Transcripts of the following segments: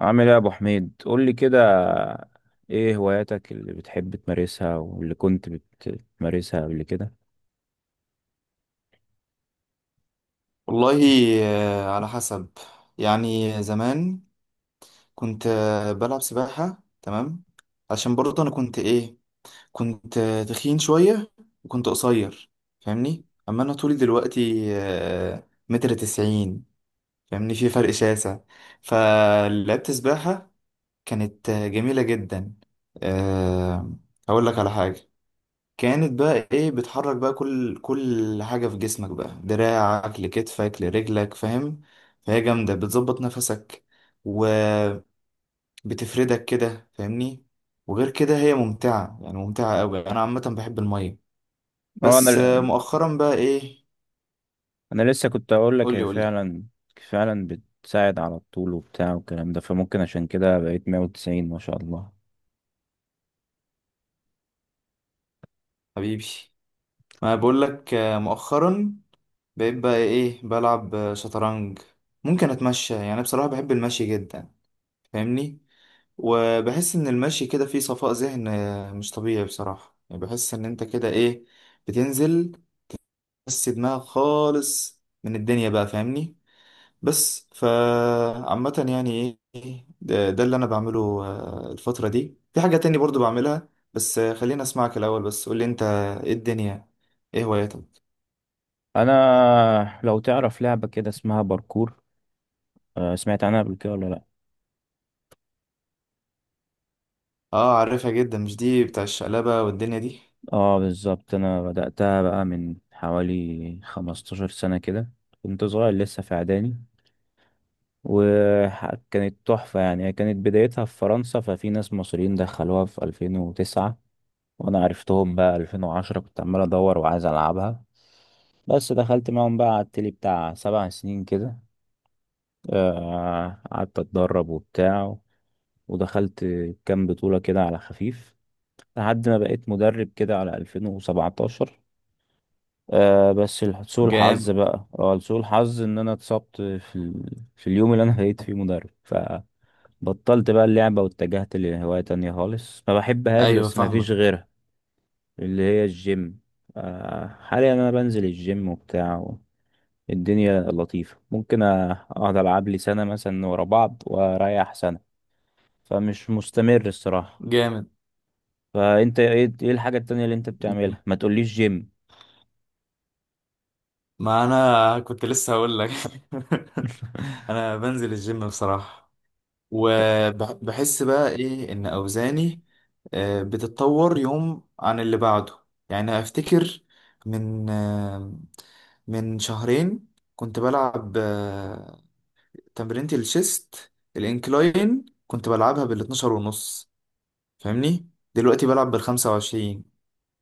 عامل ايه يا ابو حميد؟ قول لي كده. ايه هواياتك اللي بتحب تمارسها واللي كنت بتمارسها قبل كده؟ والله. آه، على حسب. زمان كنت بلعب سباحة. تمام، عشان برضه أنا كنت إيه، كنت تخين شوية وكنت قصير. فاهمني؟ أما أنا طولي دلوقتي متر تسعين. فاهمني؟ في فرق شاسع. فلعبت سباحة، كانت جميلة جدا. آه، هقول لك على حاجة. كانت بقى ايه، بتحرك بقى كل حاجة في جسمك، بقى دراعك لكتفك لرجلك. فاهم؟ فهي جامدة، بتظبط نفسك وبتفردك كده. فاهمني؟ وغير كده هي ممتعة، يعني ممتعة أوي. أنا عامة بحب المية. اه، انا بس مؤخرا بقى ايه. انا لسه كنت اقول لك قولي هي قولي. فعلا فعلا بتساعد على الطول وبتاع والكلام ده، فممكن عشان كده بقيت 190 ما شاء الله. حبيبي، ما بقولك مؤخرا بقيت بقى ايه بلعب شطرنج. ممكن أتمشى. يعني بصراحة بحب المشي جدا. فاهمني؟ وبحس ان المشي كده فيه صفاء ذهن مش طبيعي. بصراحة يعني بحس ان انت كده ايه، بتنزل بس دماغك خالص من الدنيا بقى. فاهمني؟ بس فعامة يعني ايه ده اللي انا بعمله الفترة دي. في حاجة تاني برضو بعملها، بس خليني اسمعك الاول. بس قولي انت، ايه الدنيا، ايه هواياتك. انا لو تعرف لعبة كده اسمها باركور، سمعت عنها قبل كده ولا لا؟ اه عارفها جدا. مش دي بتاع الشقلبة والدنيا دي؟ اه بالظبط، انا بدأتها بقى من حوالي 15 سنة كده. كنت صغير لسه في اعدادي، وكانت تحفة. يعني هي كانت بدايتها في فرنسا، ففي ناس مصريين دخلوها في 2009، وانا عرفتهم بقى 2010. كنت عمال ادور وعايز العبها، بس دخلت معاهم بقى على التلي بتاع 7 سنين كده. قعدت اتدرب وبتاع، ودخلت كام بطولة كده على خفيف لحد ما بقيت مدرب كده على 2017. بس جامد. سوء الحظ ان انا اتصبت في اليوم اللي انا بقيت فيه مدرب. فبطلت بقى اللعبة واتجهت لهواية تانية خالص، ما بحبهاش ايوه بس ما فاهمك. فيش غيرها، اللي هي الجيم. حاليا انا بنزل الجيم وبتاع. الدنيا لطيفة، ممكن اقعد العب لي سنة مثلا ورا بعض واريح سنة، فمش مستمر الصراحة. جامد. فانت ايه، إيه الحاجة التانية اللي انت بتعملها؟ ما تقوليش جيم. ما انا كنت لسه هقول لك. انا بنزل الجيم بصراحة، وبحس بقى ايه ان اوزاني بتتطور يوم عن اللي بعده. يعني افتكر من من شهرين كنت بلعب تمرينة الشيست الانكلاين، كنت بلعبها بال 12 ونص. فاهمني؟ دلوقتي بلعب بال 25.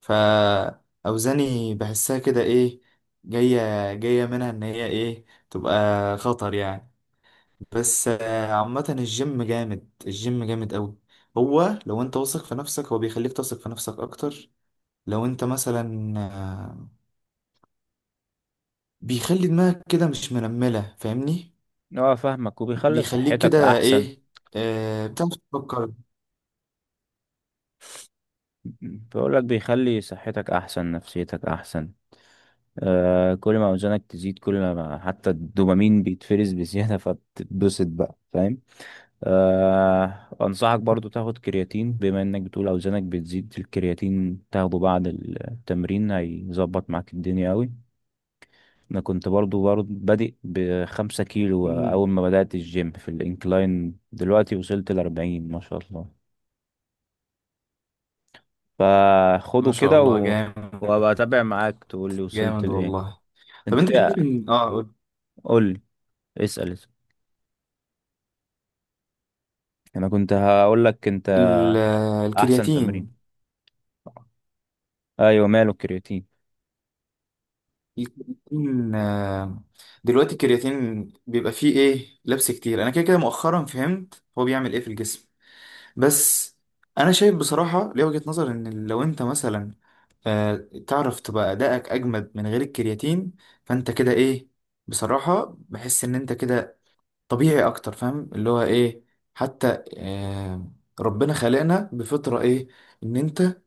فأوزاني بحسها كده إيه، جاية منها إن هي إيه تبقى خطر يعني. بس عامة الجيم جامد، الجيم جامد أوي. هو لو أنت واثق في نفسك هو بيخليك تثق في نفسك أكتر. لو أنت مثلا بيخلي دماغك كده مش منملة. فاهمني؟ اه فاهمك، وبيخلي بيخليك صحتك كده احسن. إيه، بتعرف تفكر. بقول لك بيخلي صحتك احسن، نفسيتك احسن. كل ما اوزانك تزيد، كل ما حتى الدوبامين بيتفرز بزياده، فبتتبسط بقى، فاهم؟ انصحك برضو تاخد كرياتين، بما انك بتقول اوزانك بتزيد. الكرياتين تاخده بعد التمرين، هيظبط معاك الدنيا قوي. انا كنت برضو بادئ ب5 كيلو مم. اول ما بدأت الجيم في الانكلاين، دلوقتي وصلت ل40 ما شاء الله. فخده ما شاء كده الله جامد. وابقى اتابع معاك تقول لي وصلت جامد لايه. والله. طب انت أنت شايف ايه؟ إن آه قول. قول لي. اسأل. انا كنت هقول لك انت ال- احسن تمرين. الكرياتين ايوه، ماله الكرياتين؟ يكون دلوقتي، الكرياتين بيبقى فيه ايه لبس كتير. انا كده كده مؤخرا فهمت هو بيعمل ايه في الجسم. بس انا شايف بصراحة، ليه وجهة نظر ان لو انت مثلا آه، تعرف تبقى ادائك اجمد من غير الكرياتين، فانت كده ايه، بصراحة بحس ان انت كده طبيعي اكتر. فاهم اللي هو ايه؟ حتى ربنا خلقنا بفطرة ايه، ان انت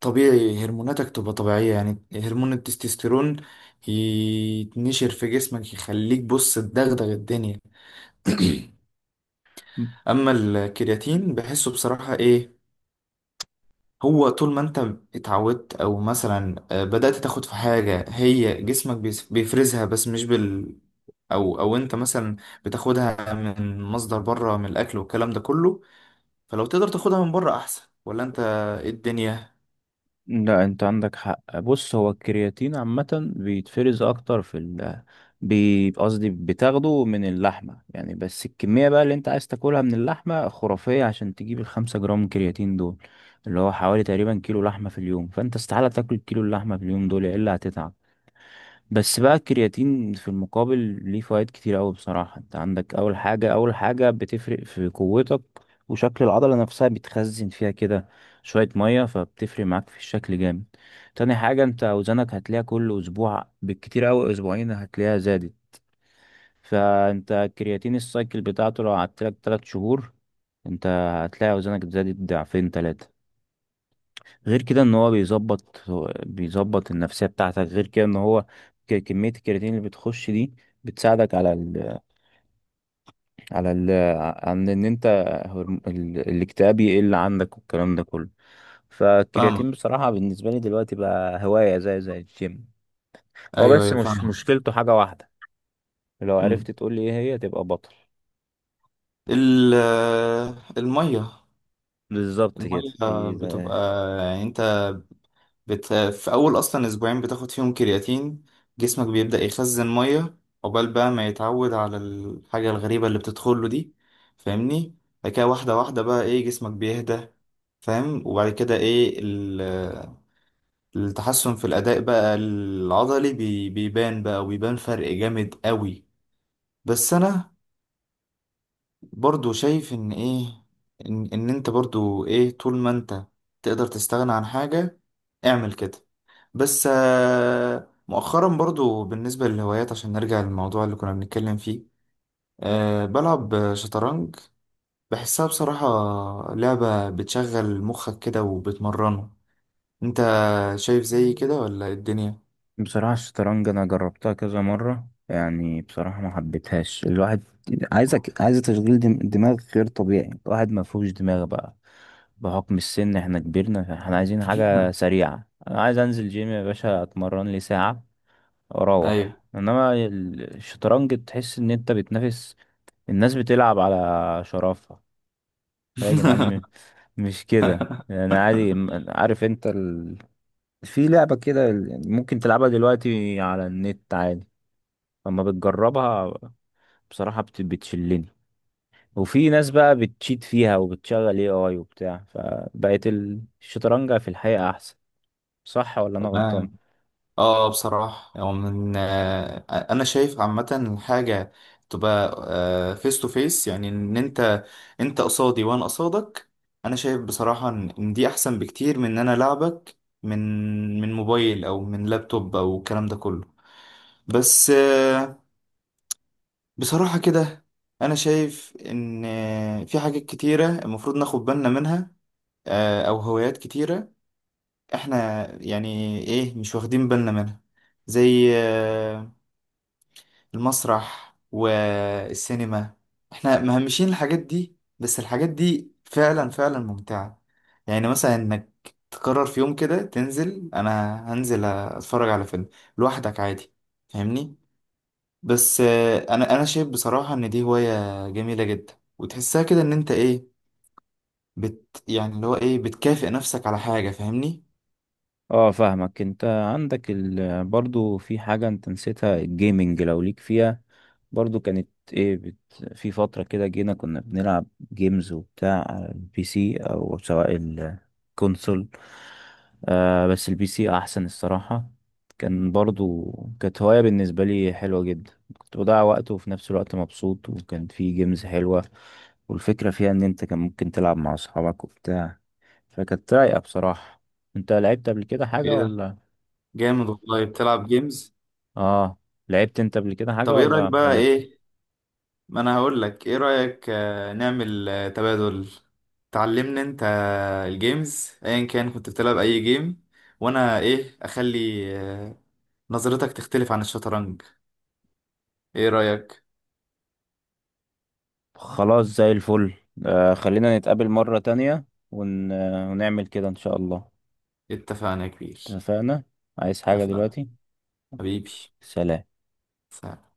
طبيعي. هرموناتك تبقى طبيعية، يعني هرمون التستوستيرون يتنشر في جسمك يخليك بص تدغدغ الدنيا. اما الكرياتين بحسه بصراحة ايه، هو طول ما انت اتعودت، او مثلا بدأت تاخد في حاجة هي جسمك بيفرزها بس مش بال، او انت مثلا بتاخدها من مصدر بره، من الاكل والكلام ده كله. فلو تقدر تاخدها من بره احسن، ولا انت إيه الدنيا؟ لا، انت عندك حق. بص، هو الكرياتين عامة بيتفرز اكتر، قصدي بتاخده من اللحمة يعني. بس الكمية بقى اللي انت عايز تاكلها من اللحمة خرافية عشان تجيب ال5 جرام كرياتين دول، اللي هو حوالي تقريبا كيلو لحمة في اليوم. فانت استحالة تاكل كيلو اللحمة في اليوم دول الا هتتعب. بس بقى الكرياتين في المقابل ليه فوائد كتير قوي بصراحة. انت عندك اول حاجة، اول حاجة بتفرق في قوتك. وشكل العضلة نفسها بتخزن فيها كده شوية مية، فبتفرق معاك في الشكل جامد. تاني حاجة، انت اوزانك هتلاقيها كل اسبوع، بالكتير قوي اسبوعين، هتلاقيها زادت. فانت الكرياتين السايكل بتاعته لو قعدت لك 3 شهور، انت هتلاقي اوزانك زادت ضعفين تلاتة. غير كده ان هو بيظبط النفسيه بتاعتك. غير كده ان هو كميه الكرياتين اللي بتخش دي بتساعدك على ال على ال عن ان انت، الاكتئاب يقل عندك والكلام ده كله. فاهم. فالكرياتين بصراحه بالنسبه لي دلوقتي بقى هوايه، زي الجيم. هو ايوه بس ايوه مش فاهم. مشكلته حاجه واحده، لو عرفت تقول لي ايه هي تبقى بطل. ال- المية. بالظبط كده. المية بتبقى يعني انت في اول اصلا اسبوعين بتاخد فيهم كرياتين، جسمك بيبدأ يخزن مية عقبال بقى ما يتعود على الحاجة الغريبة اللي بتدخله دي. فاهمني؟ بعد كده واحدة واحدة بقى ايه، جسمك بيهدى. فاهم؟ وبعد كده ايه التحسن في الاداء بقى العضلي بيبان بقى، وبيبان فرق جامد قوي. بس انا برضو شايف ان ايه، ان انت برضو ايه، طول ما انت تقدر تستغنى عن حاجة اعمل كده. بس مؤخرا، برضو بالنسبة للهوايات، عشان نرجع للموضوع اللي كنا بنتكلم فيه، أه بلعب شطرنج. بحسها بصراحة لعبة بتشغل مخك كده وبتمرنه. انت شايف زي كده ولا إيه الدنيا؟ بصراحة الشطرنج أنا جربتها كذا مرة، يعني بصراحة ما حبيتهاش. الواحد عايز تشغيل دماغ غير طبيعي، الواحد ما فيهوش دماغ بقى، بحكم السن. احنا كبرنا، احنا عايزين حاجة سريعة. أنا عايز أنزل جيم يا باشا، أتمرن لي ساعة ايوه. وأروح. إنما الشطرنج تحس إن أنت بتنافس، الناس بتلعب على شرفها. يا جدعان مش كده. أنا عادي، عارف أنت في لعبة كده ممكن تلعبها دلوقتي على النت عادي. اما بتجربها بصراحة، بتشلني. وفي ناس بقى بتشيت فيها وبتشغل اي وبتاع، فبقت الشطرنج في الحقيقة احسن. صح ولا انا غلطان؟ تمام. اه بصراحة هو من انا شايف عامة حاجة تبقى فيس تو فيس. يعني ان انت انت قصادي وانا قصادك. انا شايف بصراحة ان إن دي احسن بكتير من ان انا لعبك من موبايل او من لابتوب او الكلام ده كله. بس بصراحة كده انا شايف ان في حاجات كتيرة المفروض ناخد بالنا منها. او هوايات كتيرة احنا يعني ايه مش واخدين بالنا منها، زي المسرح والسينما. احنا مهمشين الحاجات دي، بس الحاجات دي فعلا فعلا ممتعة. يعني مثلا انك تقرر في يوم كده تنزل، انا هنزل اتفرج على فيلم لوحدك عادي. فاهمني؟ بس انا شايف بصراحة ان دي هواية جميلة جدا. وتحسها كده ان انت ايه، بت يعني اللي هو ايه بتكافئ نفسك على حاجة. فاهمني؟ اه فاهمك. انت عندك برضو في حاجة انت نسيتها، الجيمنج لو ليك فيها. برضو كانت ايه في فترة كده جينا كنا بنلعب جيمز وبتاع على البي سي او سواء الكونسول. بس البي سي احسن الصراحة. كان برضو كانت هواية بالنسبة لي حلوة جدا، كنت بضيع وقت وفي نفس الوقت مبسوط، وكان في جيمز حلوة. والفكرة فيها ان انت كان ممكن تلعب مع اصحابك وبتاع، فكانت رايقة بصراحة. انت لعبت قبل كده حاجة ايه ده، ولا؟ جامد والله. بتلعب جيمز؟ اه، لعبت انت قبل كده حاجة طب ايه رأيك ولا بقى مالكش؟ ايه. ما انا هقول لك ايه رأيك نعمل تبادل. تعلمني انت الجيمز، ايا كان كنت بتلعب اي جيم، وانا ايه اخلي آه، نظرتك تختلف عن الشطرنج. ايه رأيك؟ خلاص زي الفل. خلينا نتقابل مرة تانية، ون... آه، ونعمل كده إن شاء الله. اتفقنا يا كبير. اتفقنا. عايز حاجة اتفقنا دلوقتي؟ حبيبي. سلام. سلام.